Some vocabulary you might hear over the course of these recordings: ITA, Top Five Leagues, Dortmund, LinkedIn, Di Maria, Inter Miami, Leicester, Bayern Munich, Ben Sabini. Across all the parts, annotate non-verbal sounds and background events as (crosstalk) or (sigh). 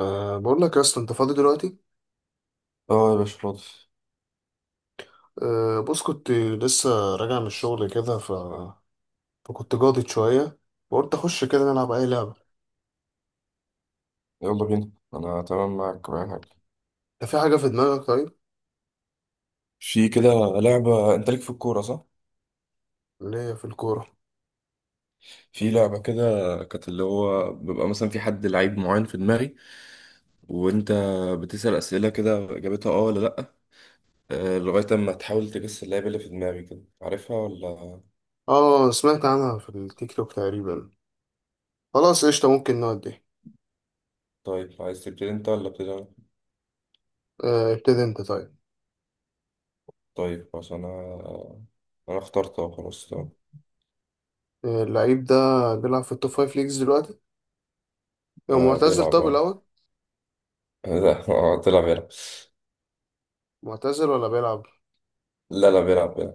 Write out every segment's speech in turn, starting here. بقول لك يا اسطى، انت فاضي دلوقتي؟ اه يا باشا فاضي. بص، كنت لسه راجع من الشغل كده فكنت جاضد شويه وقلت اخش كده نلعب اي لعبه. يلا بينا، انا تمام معاك وأي حاجة. انت في حاجه في دماغك طيب؟ في كده لعبة، انت ليك في الكورة صح؟ اللي هي في الكوره. في لعبة كده كانت اللي هو بيبقى مثلا في حد لعيب معين في دماغي وانت بتسأل أسئلة كده اجابتها اه ولا لأ، آه، لغاية اما تحاول تجس اللعيب اللي في دماغي كده عارفها ولا. اه، سمعت عنها في التيك توك تقريبا. خلاص قشطه، ممكن نودي. طيب عايز تبتدي انت ولا ابتدي انا؟ ابتدي انت طيب. طيب عشان انا انا اخترت اه خلاص تمام. اللعيب ده بيلعب في التوب فايف ليجز دلوقتي؟ هو آه معتزل بيلعب طب اه. الاول؟ (laughs) لا اه طلع بيلعب. معتزل ولا بيلعب؟ لا لا بيلعب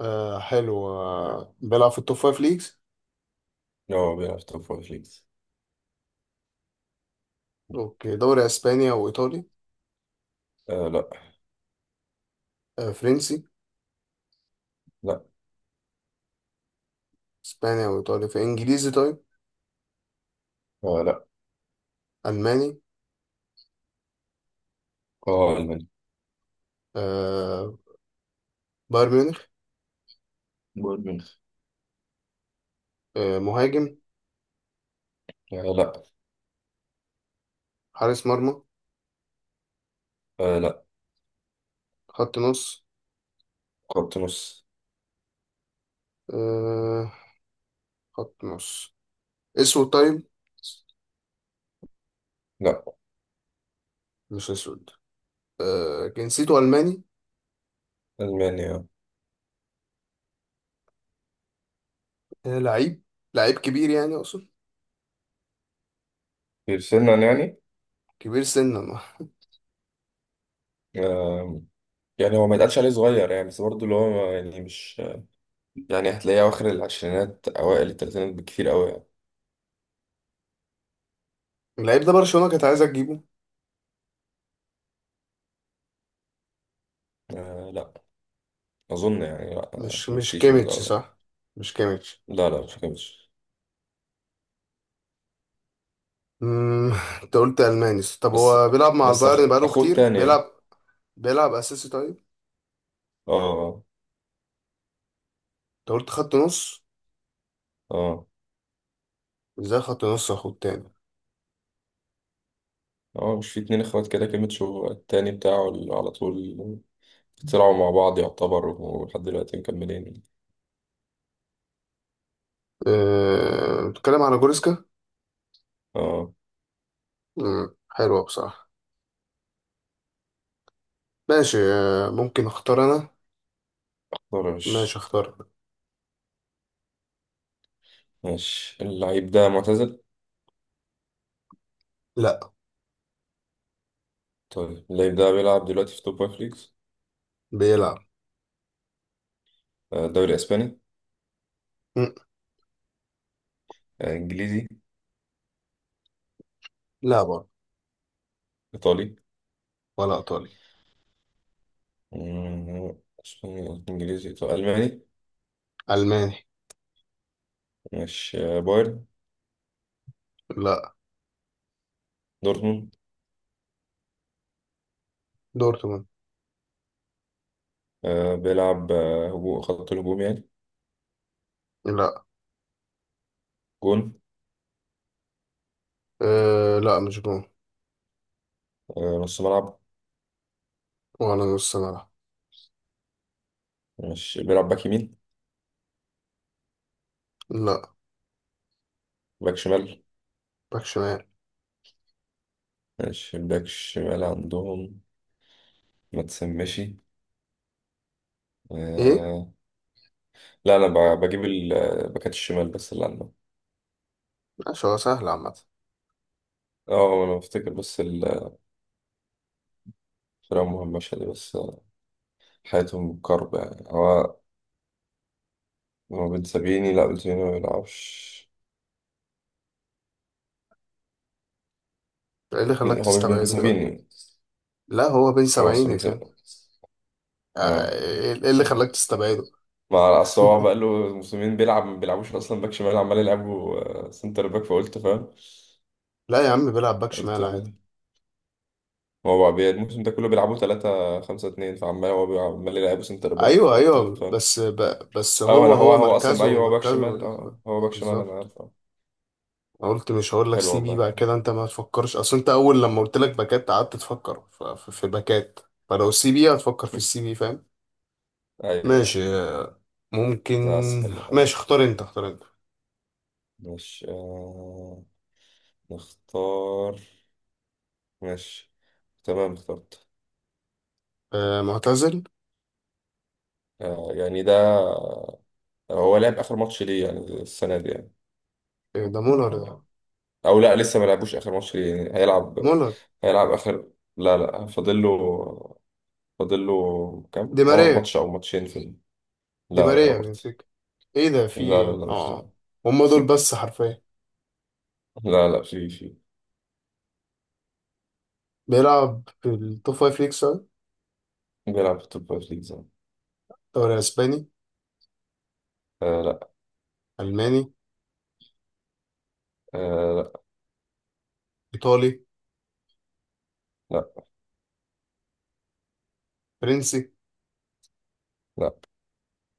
حلو، بيلعب في التوب فايف ليجز. لا هو بيلعب توب فايف ليجز. اوكي، دوري اسبانيا وايطالي؟ آه لا. فرنسي؟ لا اسبانيا وايطاليا في انجليزي طيب؟ آه لا. الماني؟ اه ألمانيا. آه، بايرن ميونخ. بايرن ميونخ. آه، مهاجم؟ آه لا. حارس مرمى؟ آه لا. خط نص؟ خط نص. آه، خط نص. اسود طيب؟ لا مش اسود. آه، جنسيته الماني. ألمانيا آه. آه، لعيب، لعيب كبير يعني اقصد في سنا يعني. كبير سنا. آه يعني هو ما يتقالش عليه صغير يعني، بس برضه اللي هو يعني مش يعني هتلاقيه أواخر العشرينات أوائل التلاتينات بكتير أوي يعني. اللعيب ده برشلونة كانت عايزة تجيبه؟ آه لا، أظن يعني لا مش عشان مش مفتيش برضه كيميتش أوي يعني. صح؟ مش كيميتش؟ لا لا مش. مم، انت قلت الماني، طب بس هو بيلعب مع بس البايرن بقاله أخوه كتير التاني بيلعب. يعني. بيلعب اساسي طيب؟ اه. انت قلت خط نص؟ اه. ازاي خط نص اخد تاني؟ اه مش في 2 اخوات كده، كيميتشو التاني بتاعه اللي على طول طلعوا مع بعض يعتبر، ولحد دلوقتي مكملين. بتتكلم على جوريسكا؟ اه. حلوة بصراحة. ماشي، ممكن اختار انا. طرش. ماشي اختار. ماشي، اللعيب ده معتزل؟ لا. طيب اللعيب ده بيلعب دلوقتي في توب فايف ليجز؟ بيلعب. آه، دوري اسباني. مم. آه، انجليزي. لا برضه. ايطالي. ولا ايطالي. مم، اسباني انجليزي ايطالي الماني. الماني. ماشي آه، بايرن. لا. دورتموند. دورتموند. آه، بيلعب آه، هجوم، خط الهجوم يعني. لا. جون. لا مش جون. آه، نص ملعب. ولا نص ملعب. ماشي، بيلعب باك يمين. لا. باك شمال. باك شمال. ماشي، باك شمال عندهم. ما تسمشي. ايه. آه، لا انا بجيب باكات الشمال بس اللي عندهم. ماشي، هو سهل عامة. اه انا بفتكر بس ال كلام مهم مشهد بس حياتهم كرب يعني هو، هو بن سابيني. لا بن سابيني ما بيلعبش. ايه اللي خلاك هو مش بن تستبعده طيب؟ سابيني. لا، هو بين هو أصل سبعين بن فاهم. سابيني. آه، اه، ايه؟ إيه اللي خلاك تستبعده؟ ما اصل هو (laughs) بقى له موسمين بيلعب، ما بيلعبوش اصلا باك شمال، عمال يلعبوا آه، سنتر باك فقلت فاهم. لا يا عم، بيلعب باك قلت شمال عادي. هو بقى الموسم ده كله بيلعبوا 3 5 2، فعمال هو عمال يلعبوا سنتر باك ايوه فقلت ايوه، فاهم. بس اه هو انا هو هو هو اصلا مركزه ايوه هو باك شمال. مركزه اه هو باك شمال انا بالظبط. عارف اه. انا قلت مش هقول لك حلو سي بي والله. بقى كده، انت ما تفكرش. اصل انت اول لما قلت لك باكات قعدت تفكر في باكات، فلو سي بي هتفكر في السي (laughs) بي، فاهم. ماشي. ايوه. آه، ممكن. لا سهل. ماشي، اختار انت اختار انت. مش آه نختار. ماشي تمام اخترت. معتزل؟ آه، يعني ده هو لعب آخر ماتش ليه يعني السنة دي يعني؟ إيه ده، مولر ده؟ أو لا لسه ما لعبوش آخر ماتش ليه يعني، هيلعب. مولر. هيلعب آخر. لا لا فاضل له. فاضل له دي كام ماريا. ماتش أو ماتشين في ال. دي لا لا ماريا برضه. بنفيكا. ايه ده، في لا لا ايه؟ لا مش ده. اه، هم دول بس حرفيا. لا لا في. بيلعب في التوب فايف ليجز. بيلعب في توب فايف ليجز. دوري اسباني؟ آه لا. الماني؟ آه. ايطالي؟ لا. فرنسي؟ لا. لا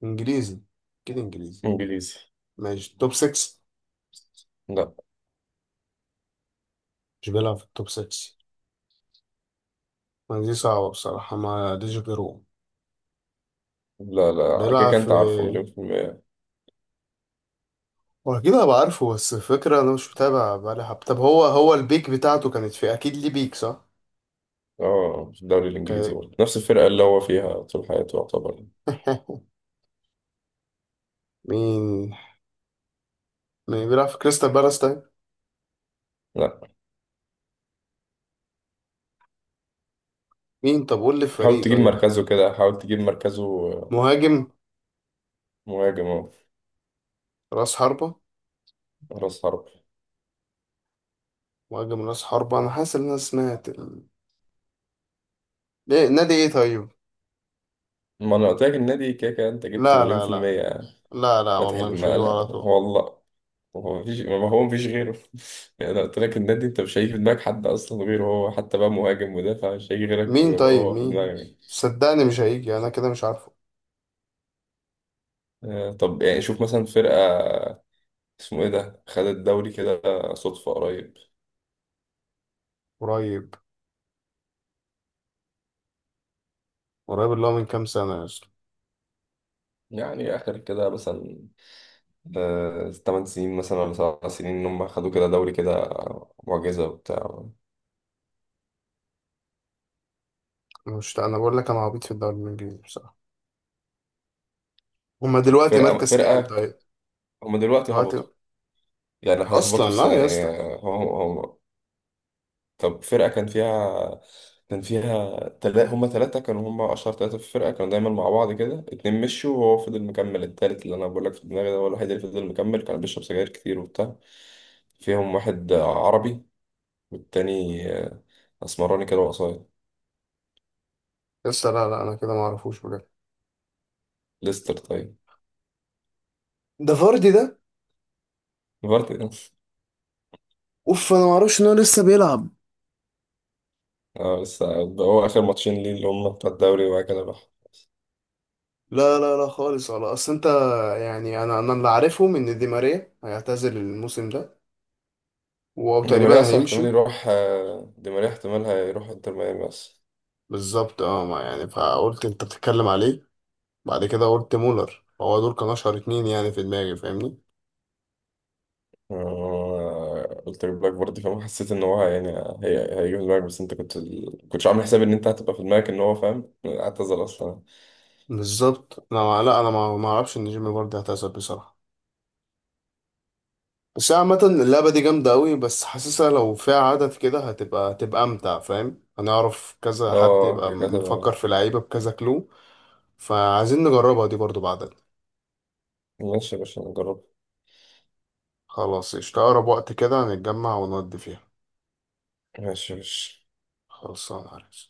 انجليزي. كده انجليزي. إنجليزي. ماشي، توب 6؟ لا مش بيلعب في التوب 6؟ ما دي صعبة بصراحة، ما ديش غيره. لا. لا كده بيلعب كده في. أنت عارفه مليون في المية. هو اكيد هبقى عارفه، بس الفكرة انا مش متابع بقالي حب. طب هو البيك بتاعته كانت في، اكيد ليه بيك صح؟ اه، في الدوري الانجليزي ك- برضه نفس الفرقه اللي هو فيها طول حياته يعتبر. (laughs) مين؟ مين بيلعب في كريستال بالاس طيب؟ لا. مين، طب قول لي حاول الفريق تجيب طيب. مركزه كده، حاول تجيب مركزه. مهاجم. مهاجم اهو. راس حربة. راس حرب. مهاجم راس حربة. انا حاسس ان انا سمعت ليه نادي ايه طيب؟ ما انا قلت لك النادي كده كده انت جبته لا مليون لا في لا المية يعني. لا ما والله تحل مش ما هجيبه لا على طول. والله. هو مفيش ما هو مفيش غيره. (laughs) يعني انا قلت لك النادي، انت مش هيجي في دماغك حد اصلا غيره، هو حتى بقى مهاجم مدافع مش هيجي غيرك مين غيره طيب، هو في مين؟ دماغك. صدقني مش هيجي، انا كده مش عارفه. آه، طب يعني شوف مثلا فرقة اسمه ايه ده، خد الدوري كده. صدفة قريب. قريب. قريب اللي هو من كام سنة يا اسطى؟ يعني اخر كده مثلا 8 سنين مثلا ولا 7 سنين، ان هم خدوا كده دوري كده آه، معجزه وبتاع. مش انا بقول لك انا عبيط في الدوري الانجليزي بصراحة. هما طب دلوقتي فرقه مركز كام فرقه طيب؟ دلوقتي دلوقتي هبطوا، يعني هيهبطوا اصلا؟ لا السنه يا يعني. اسطى. هم. طب فرقه كان فيها، كان فيها هم 3، كانوا هم اشهر 3 في الفرقه، كانوا دايما مع بعض كده، اتنين مشوا وهو فضل مكمل التالت، اللي انا بقول لك في دماغي ده هو الوحيد اللي فضل مكمل، كان بيشرب سجاير كتير وبتاع. فيهم واحد عربي، والتاني آه، اسمراني كده وقصير. يا اسطى لا لا، انا كده ما اعرفوش بجد. ليستر طيب. ده فاردي ده؟ فارتي. اوف، انا ما اعرفش ان هو لسه بيلعب. اه لسه. هو اخر ماتشين ليه اللي هم بتوع الدوري وبعد كده بقى. لا خالص. ولا اصل انت، يعني انا اللي عارفه ان دي ماريا هيعتزل الموسم ده دي ماريا وتقريبا اصلا احتمال هيمشي. يروح آه، دي ماريا احتمال هيروح انتر ميامي اصلا. بالظبط، اه، ما يعني فقلت انت بتتكلم عليه، بعد كده قلت مولر. هو دول كانوا اشهر اتنين يعني في دماغي، فاهمني. آه، قلت لك بلاك برضه فاهم، حسيت ان هو يعني هي هيجيب دماغك، بس انت كنتش عامل حساب ان انت هتبقى في دماغك ان هو فاهم اعتزل اصلا. بالظبط. انا ما- لا، انا ما اعرفش ان جيمي برضه هتعزل بصراحه. بس هي عامه اللعبه دي جامده قوي، بس حاسسها لو فيها عدد كده هتبقى امتع، فاهم؟ هنعرف كذا حد اه يبقى كانت مفكر هتبقى. في لعيبه بكذا كلو. فعايزين نجربها دي برضه بعدد. ماشي يا باشا نجرب. خلاص، اشتغل اقرب وقت كده هنتجمع ونودي فيها. ماشي يا باشا. خلاص انا عارف.